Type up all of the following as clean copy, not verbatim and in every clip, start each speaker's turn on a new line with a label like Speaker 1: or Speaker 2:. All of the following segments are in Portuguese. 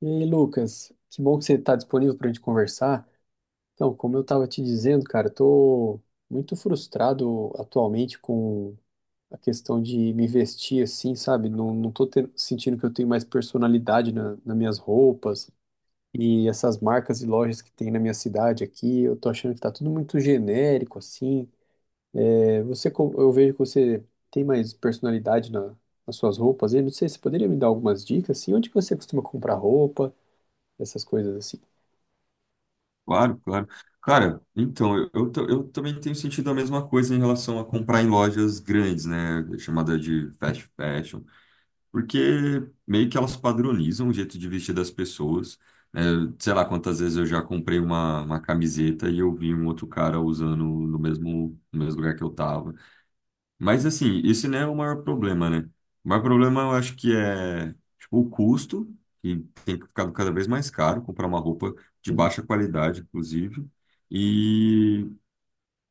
Speaker 1: E aí, Lucas, que bom que você está disponível para a gente conversar. Então, como eu estava te dizendo, cara, eu tô muito frustrado atualmente com a questão de me vestir assim, sabe? Não, não tô sentindo que eu tenho mais personalidade nas minhas roupas e essas marcas e lojas que tem na minha cidade aqui, eu tô achando que tá tudo muito genérico assim. É, você, eu vejo que você tem mais personalidade nas suas roupas. Eu não sei, você poderia me dar algumas dicas assim? Onde que você costuma comprar roupa, essas coisas assim?
Speaker 2: Claro, claro. Cara, então, eu também tenho sentido a mesma coisa em relação a comprar em lojas grandes, né? Chamada de fast fashion. Porque meio que elas padronizam o jeito de vestir das pessoas, né? Sei lá quantas vezes eu já comprei uma camiseta e eu vi um outro cara usando no mesmo, no mesmo lugar que eu tava. Mas assim, esse não é o maior problema, né? O maior problema eu acho que é, tipo, o custo, que tem ficado cada vez mais caro comprar uma roupa de
Speaker 1: Sim.
Speaker 2: baixa qualidade, inclusive. E,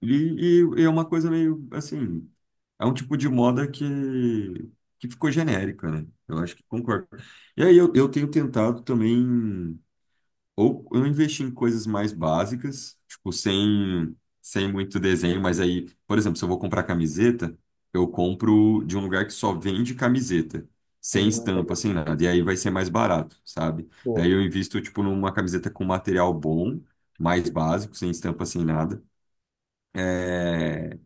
Speaker 2: e é uma coisa meio assim, é um tipo de moda que ficou genérica, né? Eu acho que concordo. E aí eu tenho tentado também. Ou eu investi em coisas mais básicas, tipo, sem muito desenho. Mas aí, por exemplo, se eu vou comprar camiseta, eu compro de um lugar que só vende camiseta, sem
Speaker 1: Ah,
Speaker 2: estampa,
Speaker 1: legal.
Speaker 2: sem nada, e aí vai ser mais barato, sabe?
Speaker 1: Boa.
Speaker 2: Daí eu invisto, tipo, numa camiseta com material bom, mais básico, sem estampa, sem nada. É,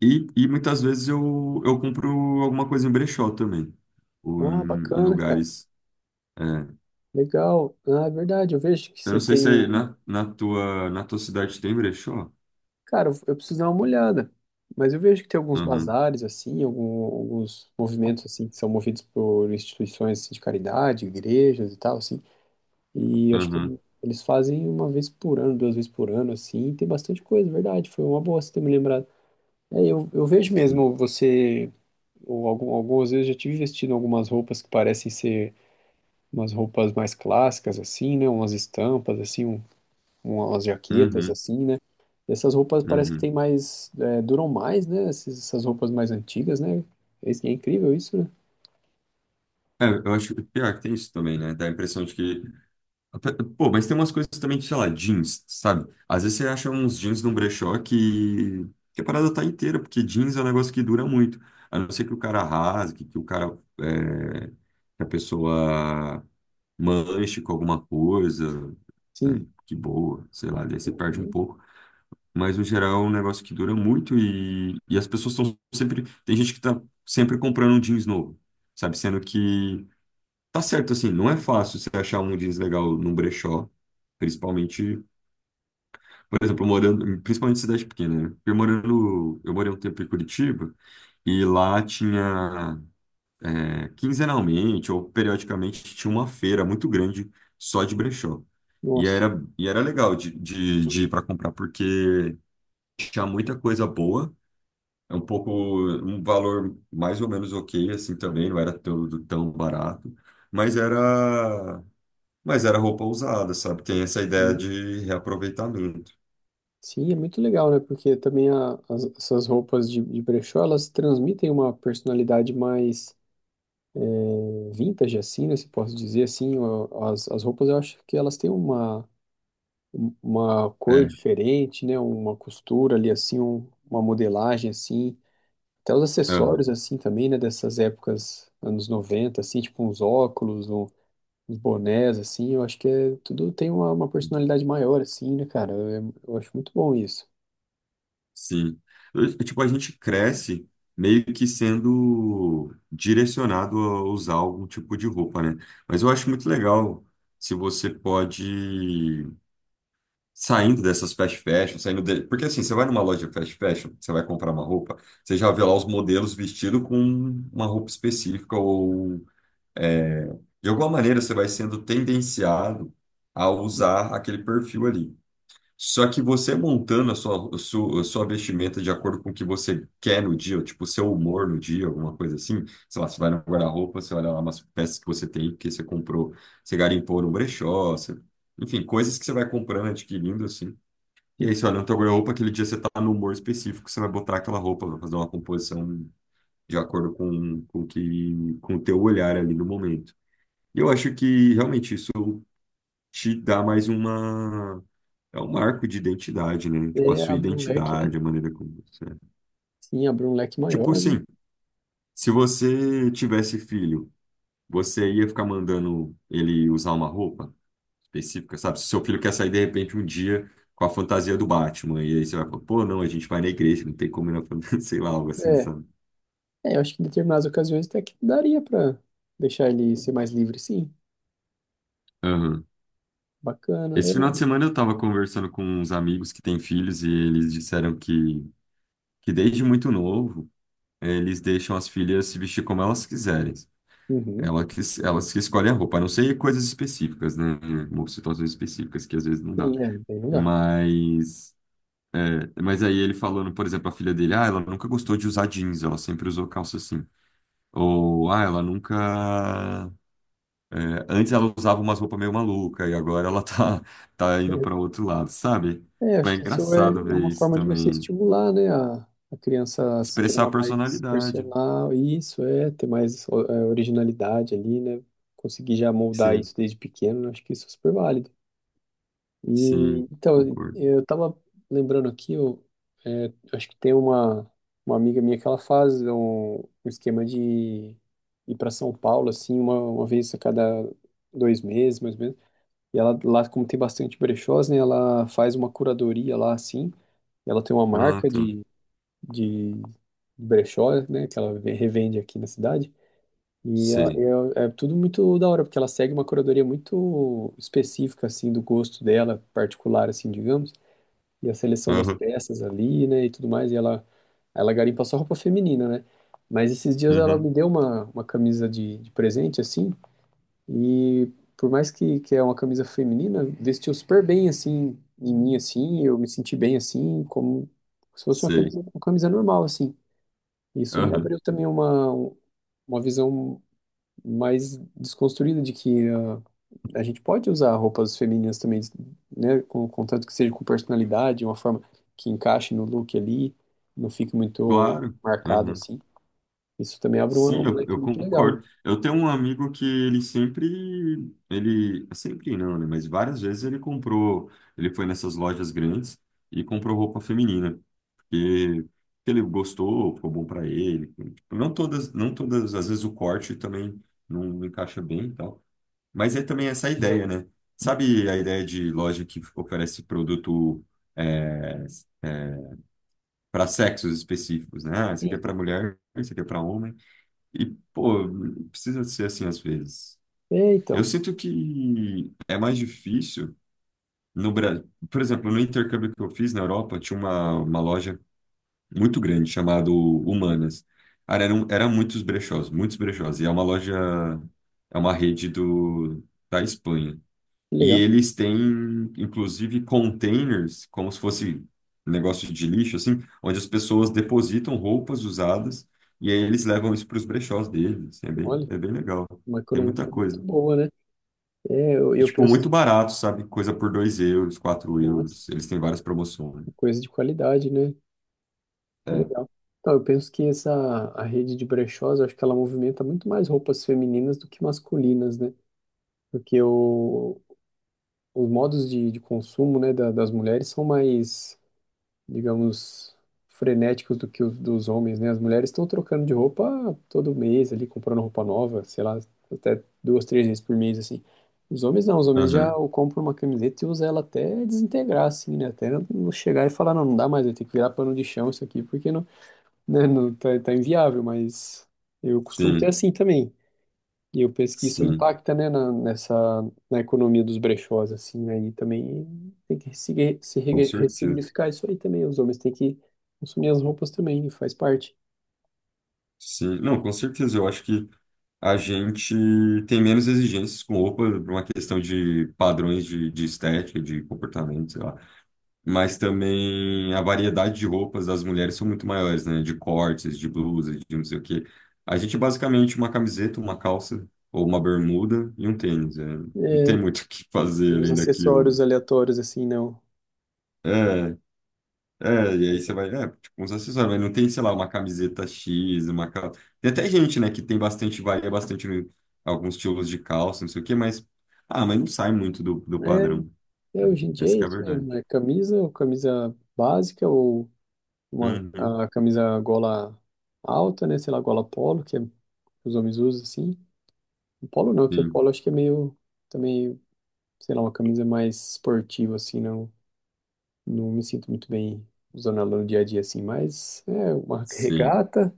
Speaker 2: E e muitas vezes eu compro alguma coisa em brechó também, ou
Speaker 1: Ah,
Speaker 2: em, em
Speaker 1: bacana, cara.
Speaker 2: lugares. É.
Speaker 1: Legal. Ah, é verdade. Eu vejo que
Speaker 2: Eu
Speaker 1: você
Speaker 2: não sei
Speaker 1: tem
Speaker 2: se aí
Speaker 1: um.
Speaker 2: na, na tua cidade tem brechó.
Speaker 1: Cara, eu preciso dar uma olhada. Mas eu vejo que tem alguns
Speaker 2: Uhum,
Speaker 1: bazares, assim, alguns movimentos, assim, que são movidos por instituições assim, de caridade, igrejas e tal, assim. E eu acho
Speaker 2: uhum,
Speaker 1: que eles fazem uma vez por ano, duas vezes por ano, assim. Tem bastante coisa, verdade. Foi uma boa você ter me lembrado. É, eu vejo mesmo você. Ou algumas vezes eu já tive vestindo algumas roupas que parecem ser umas roupas mais clássicas assim, né? Umas estampas assim, umas jaquetas
Speaker 2: uhum,
Speaker 1: assim, né? E essas roupas parece que
Speaker 2: uhum.
Speaker 1: tem mais, é, duram mais, né? Essas roupas mais antigas, né? Isso é incrível isso, né?
Speaker 2: É, eu acho que pior é que tem isso também, né? Dá a impressão de que... Pô, mas tem umas coisas também, de, sei lá, jeans, sabe? Às vezes você acha uns jeans num brechó que a parada tá inteira, porque jeans é um negócio que dura muito. A não ser que o cara rasgue, que o cara. É, que a pessoa manche com alguma coisa,
Speaker 1: Sim.
Speaker 2: né? Que boa, sei lá, daí você perde um
Speaker 1: Uhum.
Speaker 2: pouco. Mas, no geral, é um negócio que dura muito e as pessoas estão sempre... Tem gente que está sempre comprando um jeans novo, sabe? Sendo que, tá certo, assim, não é fácil você achar um jeans legal num brechó, principalmente, por exemplo, morando, principalmente em cidade pequena, né? Eu morei um tempo em Curitiba e lá tinha, quinzenalmente ou periodicamente, tinha uma feira muito grande só de brechó. E
Speaker 1: Nossa.
Speaker 2: era, e era legal de ir para comprar, porque tinha muita coisa boa. É um pouco um valor mais ou menos ok, assim também, não era tão barato, mas era, mas era roupa usada, sabe? Tem essa ideia
Speaker 1: Uhum.
Speaker 2: de reaproveitamento.
Speaker 1: Sim, é muito legal, né? Porque também essas roupas de brechó, elas transmitem uma personalidade mais vintage, assim, né? Se posso dizer assim, ó, as roupas eu acho que elas têm uma uma cor
Speaker 2: É,
Speaker 1: diferente, né? Uma costura ali assim, uma modelagem assim, até os
Speaker 2: aham,
Speaker 1: acessórios assim também, né? Dessas épocas, anos 90 assim, tipo uns óculos, uns bonés assim, eu acho que é, tudo tem uma personalidade maior assim, né, cara? Eu acho muito bom isso.
Speaker 2: sim. Tipo, a gente cresce meio que sendo direcionado a usar algum tipo de roupa, né? Mas eu acho muito legal se você pode, saindo dessas fast fashion, saindo de... Porque assim, você vai numa loja fast fashion, você vai comprar uma roupa, você já vê lá os modelos vestidos com uma roupa específica ou, é, de alguma maneira você vai sendo tendenciado a usar aquele perfil ali. Só que você montando a sua vestimenta de acordo com o que você quer no dia, ou, tipo, o seu humor no dia, alguma coisa assim. Sei lá, você vai no guarda-roupa, você olha lá umas peças que você tem, que você comprou, você garimpou no brechó, você, enfim, coisas que você vai comprando, adquirindo, assim. E é
Speaker 1: Sim,
Speaker 2: isso, olha, na tua roupa, aquele dia você tá no humor específico, você vai botar aquela roupa, vai fazer uma composição de acordo com, com o teu olhar ali no momento. E eu acho que realmente isso te dá mais uma, é um marco de identidade, né? Tipo, a
Speaker 1: é,
Speaker 2: sua
Speaker 1: abre um leque, né?
Speaker 2: identidade, a maneira como você é.
Speaker 1: Sim, abre um leque
Speaker 2: Tipo
Speaker 1: maior, né?
Speaker 2: assim, se você tivesse filho, você ia ficar mandando ele usar uma roupa específica, sabe? Se seu filho quer sair de repente um dia com a fantasia do Batman, e aí você vai falar, pô, não, a gente vai na igreja, não tem como ir na fantasia, sei lá, algo assim,
Speaker 1: É,
Speaker 2: sabe?
Speaker 1: é, eu acho que em determinadas ocasiões até que daria pra deixar ele ser mais livre, sim.
Speaker 2: Aham.
Speaker 1: Bacana,
Speaker 2: Esse final de
Speaker 1: é.
Speaker 2: semana eu tava conversando com uns amigos que têm filhos e eles disseram que desde muito novo, eles deixam as filhas se vestir como elas quiserem.
Speaker 1: Uhum.
Speaker 2: Elas que escolhem a roupa, a não ser coisas específicas, né? Ou situações específicas que às vezes não dá.
Speaker 1: Sim, é, daí não dá.
Speaker 2: Mas, é, mas aí ele falando, por exemplo, a filha dele, ah, ela nunca gostou de usar jeans, ela sempre usou calça assim. Ou, ah, ela nunca. É, antes ela usava umas roupas meio maluca e agora ela tá, tá indo para outro lado, sabe?
Speaker 1: É,
Speaker 2: Tipo,
Speaker 1: acho
Speaker 2: é
Speaker 1: que isso é
Speaker 2: engraçado
Speaker 1: é
Speaker 2: ver
Speaker 1: uma
Speaker 2: isso
Speaker 1: forma de você
Speaker 2: também.
Speaker 1: estimular, né, a criança a se
Speaker 2: Expressar a
Speaker 1: tornar mais
Speaker 2: personalidade.
Speaker 1: personal, e isso é, ter mais é, originalidade ali, né, conseguir já moldar
Speaker 2: Sim,
Speaker 1: isso desde pequeno, acho que isso é super válido. E,
Speaker 2: sim,
Speaker 1: então,
Speaker 2: concordo.
Speaker 1: eu tava lembrando aqui, eu é, acho que tem uma amiga minha que ela faz um esquema de ir para São Paulo, assim, uma vez a cada dois meses, mais ou menos, e ela lá, como tem bastante brechós, né, ela faz uma curadoria lá, assim, ela tem uma
Speaker 2: Ah,
Speaker 1: marca
Speaker 2: tá.
Speaker 1: de brechó, né? Que ela revende aqui na cidade. E ela-
Speaker 2: Sei.
Speaker 1: é, é tudo muito da hora, porque ela segue uma curadoria muito específica, assim, do gosto dela, particular, assim, digamos. E a seleção das
Speaker 2: Aham,
Speaker 1: peças ali, né? E tudo mais. E ela garimpa só roupa feminina, né? Mas esses dias ela
Speaker 2: uhum,
Speaker 1: me deu uma camisa de presente, assim. E por mais que é uma camisa feminina, vestiu super bem assim em mim assim, eu me senti bem assim, como se fosse
Speaker 2: sei.
Speaker 1: uma camisa normal assim. Isso me
Speaker 2: Aham,
Speaker 1: abriu também uma visão mais desconstruída de que ah, a gente pode usar roupas femininas também, né, com contanto que seja com personalidade, uma forma que encaixe no look ali, não fique muito
Speaker 2: claro.
Speaker 1: marcado
Speaker 2: Aham.
Speaker 1: assim. Isso também abre um,
Speaker 2: Sim,
Speaker 1: um
Speaker 2: eu,
Speaker 1: leque
Speaker 2: eu
Speaker 1: muito legal, né?
Speaker 2: concordo. Eu tenho um amigo que ele, sempre não, né? Mas várias vezes ele foi nessas lojas grandes e comprou roupa feminina, porque, porque ele gostou, ficou bom para ele. Tipo, não todas, às vezes o corte também não encaixa bem e tal. Mas é também essa ideia, né? Sabe a ideia de loja que oferece produto para sexos específicos, né? Ah, isso aqui é
Speaker 1: Sim.
Speaker 2: para mulher, isso aqui é para homem. E, pô, precisa ser assim às vezes.
Speaker 1: É, então,
Speaker 2: Eu sinto que é mais difícil no Brasil. Por exemplo, no intercâmbio que eu fiz na Europa, tinha uma loja muito grande chamada Humanas. Cara, eram muitos brechós, muitos brechós. E é uma loja, é uma rede da Espanha.
Speaker 1: que
Speaker 2: E
Speaker 1: legal.
Speaker 2: eles têm, inclusive, containers, como se fosse um negócio de lixo, assim, onde as pessoas depositam roupas usadas e aí eles levam isso para os brechós deles. Assim,
Speaker 1: Olha.
Speaker 2: é bem legal.
Speaker 1: Uma
Speaker 2: Tem muita
Speaker 1: economia muito
Speaker 2: coisa.
Speaker 1: boa, né? É,
Speaker 2: E,
Speaker 1: eu
Speaker 2: tipo,
Speaker 1: penso,
Speaker 2: muito barato, sabe? Coisa por 2 euros, quatro
Speaker 1: nossa,
Speaker 2: euros. Eles têm várias promoções.
Speaker 1: que coisa de qualidade, né? Que
Speaker 2: É.
Speaker 1: legal. Então, eu penso que essa a rede de brechós, eu acho que ela movimenta muito mais roupas femininas do que masculinas, né? Porque o, os modos de consumo, né, das mulheres são mais digamos, frenéticos do que os dos homens, né? As mulheres estão trocando de roupa todo mês ali, comprando roupa nova, sei lá, até duas, três vezes por mês, assim. Os homens não, os homens já
Speaker 2: Aham.
Speaker 1: compram uma camiseta e usam ela até desintegrar, assim, né? Até não chegar e falar, não, não dá mais, eu tenho que virar pano de chão isso aqui, porque não, né, não tá, tá inviável, mas eu costumo ser
Speaker 2: Sim,
Speaker 1: assim também. E eu penso que isso
Speaker 2: sim.
Speaker 1: impacta, né, nessa, na economia dos brechós, assim, né, e também tem que ressig- se
Speaker 2: Com
Speaker 1: re-
Speaker 2: certeza.
Speaker 1: ressignificar isso aí também, os homens têm que consumir as roupas também, faz parte.
Speaker 2: Sim, não, com certeza. Eu acho que a gente tem menos exigências com roupa por uma questão de padrões de estética, de comportamento, sei lá. Mas também a variedade de roupas das mulheres são muito maiores, né? De cortes, de blusas, de não sei o quê. A gente basicamente uma camiseta, uma calça ou uma bermuda e um tênis. É. Não
Speaker 1: É,
Speaker 2: tem muito o que fazer
Speaker 1: os
Speaker 2: além daquilo,
Speaker 1: acessórios
Speaker 2: né?
Speaker 1: aleatórios, assim, não.
Speaker 2: É, é, e aí
Speaker 1: Mas,
Speaker 2: você vai, é, tipo, uns acessórios, mas não tem, sei lá, uma camiseta X, uma calça. Tem até gente, né, que tem bastante, varia bastante alguns estilos de calça, não sei o quê, mas, ah, mas não sai muito do padrão.
Speaker 1: é, é,
Speaker 2: Né?
Speaker 1: hoje em dia
Speaker 2: Essa
Speaker 1: é
Speaker 2: que é a
Speaker 1: isso mesmo,
Speaker 2: verdade.
Speaker 1: é camisa, ou camisa básica, ou uma,
Speaker 2: Uhum,
Speaker 1: a camisa gola alta, né, sei lá, gola polo, que é, os homens usam, assim. O polo não, que o
Speaker 2: sim,
Speaker 1: polo acho que é meio, também, sei lá, uma camisa mais esportiva, assim, não. Não me sinto muito bem usando ela no dia a dia assim, mas é uma
Speaker 2: sim.
Speaker 1: regata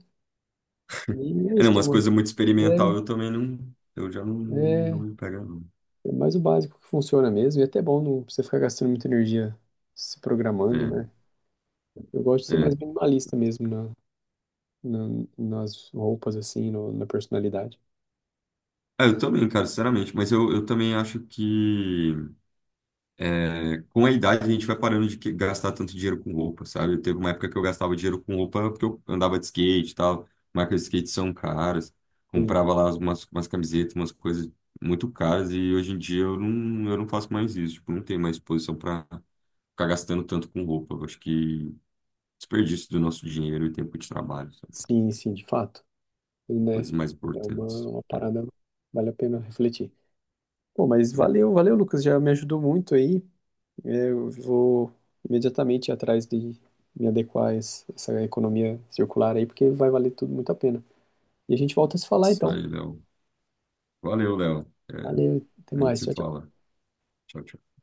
Speaker 1: e é
Speaker 2: É, não,
Speaker 1: isso. É,
Speaker 2: umas
Speaker 1: uma-
Speaker 2: coisas muito
Speaker 1: é,
Speaker 2: experimental eu também não, eu já não, não
Speaker 1: é
Speaker 2: me pego,
Speaker 1: é mais o básico que funciona mesmo. E é até bom não precisa ficar gastando muita energia se programando,
Speaker 2: não.
Speaker 1: né? Eu gosto de
Speaker 2: É,
Speaker 1: ser mais
Speaker 2: é.
Speaker 1: minimalista mesmo na, nas roupas, assim, na personalidade.
Speaker 2: Ah, eu também, cara, sinceramente, mas eu também acho que, é, com a idade, a gente vai parando de gastar tanto dinheiro com roupa, sabe? Teve uma época que eu gastava dinheiro com roupa porque eu andava de skate e tal. Marcas de skate são caras.
Speaker 1: Sim,
Speaker 2: Comprava lá umas camisetas, umas coisas muito caras. E hoje em dia eu não faço mais isso. Tipo, não tenho mais disposição para ficar gastando tanto com roupa. Eu acho que desperdício do nosso dinheiro e tempo de trabalho, sabe?
Speaker 1: sim, sim, de fato. E, né?
Speaker 2: Coisas mais
Speaker 1: É
Speaker 2: importantes.
Speaker 1: uma
Speaker 2: Né?
Speaker 1: parada, vale a pena refletir. Pô, mas
Speaker 2: É,
Speaker 1: valeu, Lucas, já me ajudou muito aí. Eu vou imediatamente atrás de me adequar a essa economia circular aí, porque vai valer tudo muito a pena. E a gente volta a se falar
Speaker 2: isso
Speaker 1: então.
Speaker 2: aí, Léo. Valeu, Léo. É,
Speaker 1: Valeu, até
Speaker 2: a gente
Speaker 1: mais.
Speaker 2: se
Speaker 1: Tchau,
Speaker 2: fala. Tchau, tchau.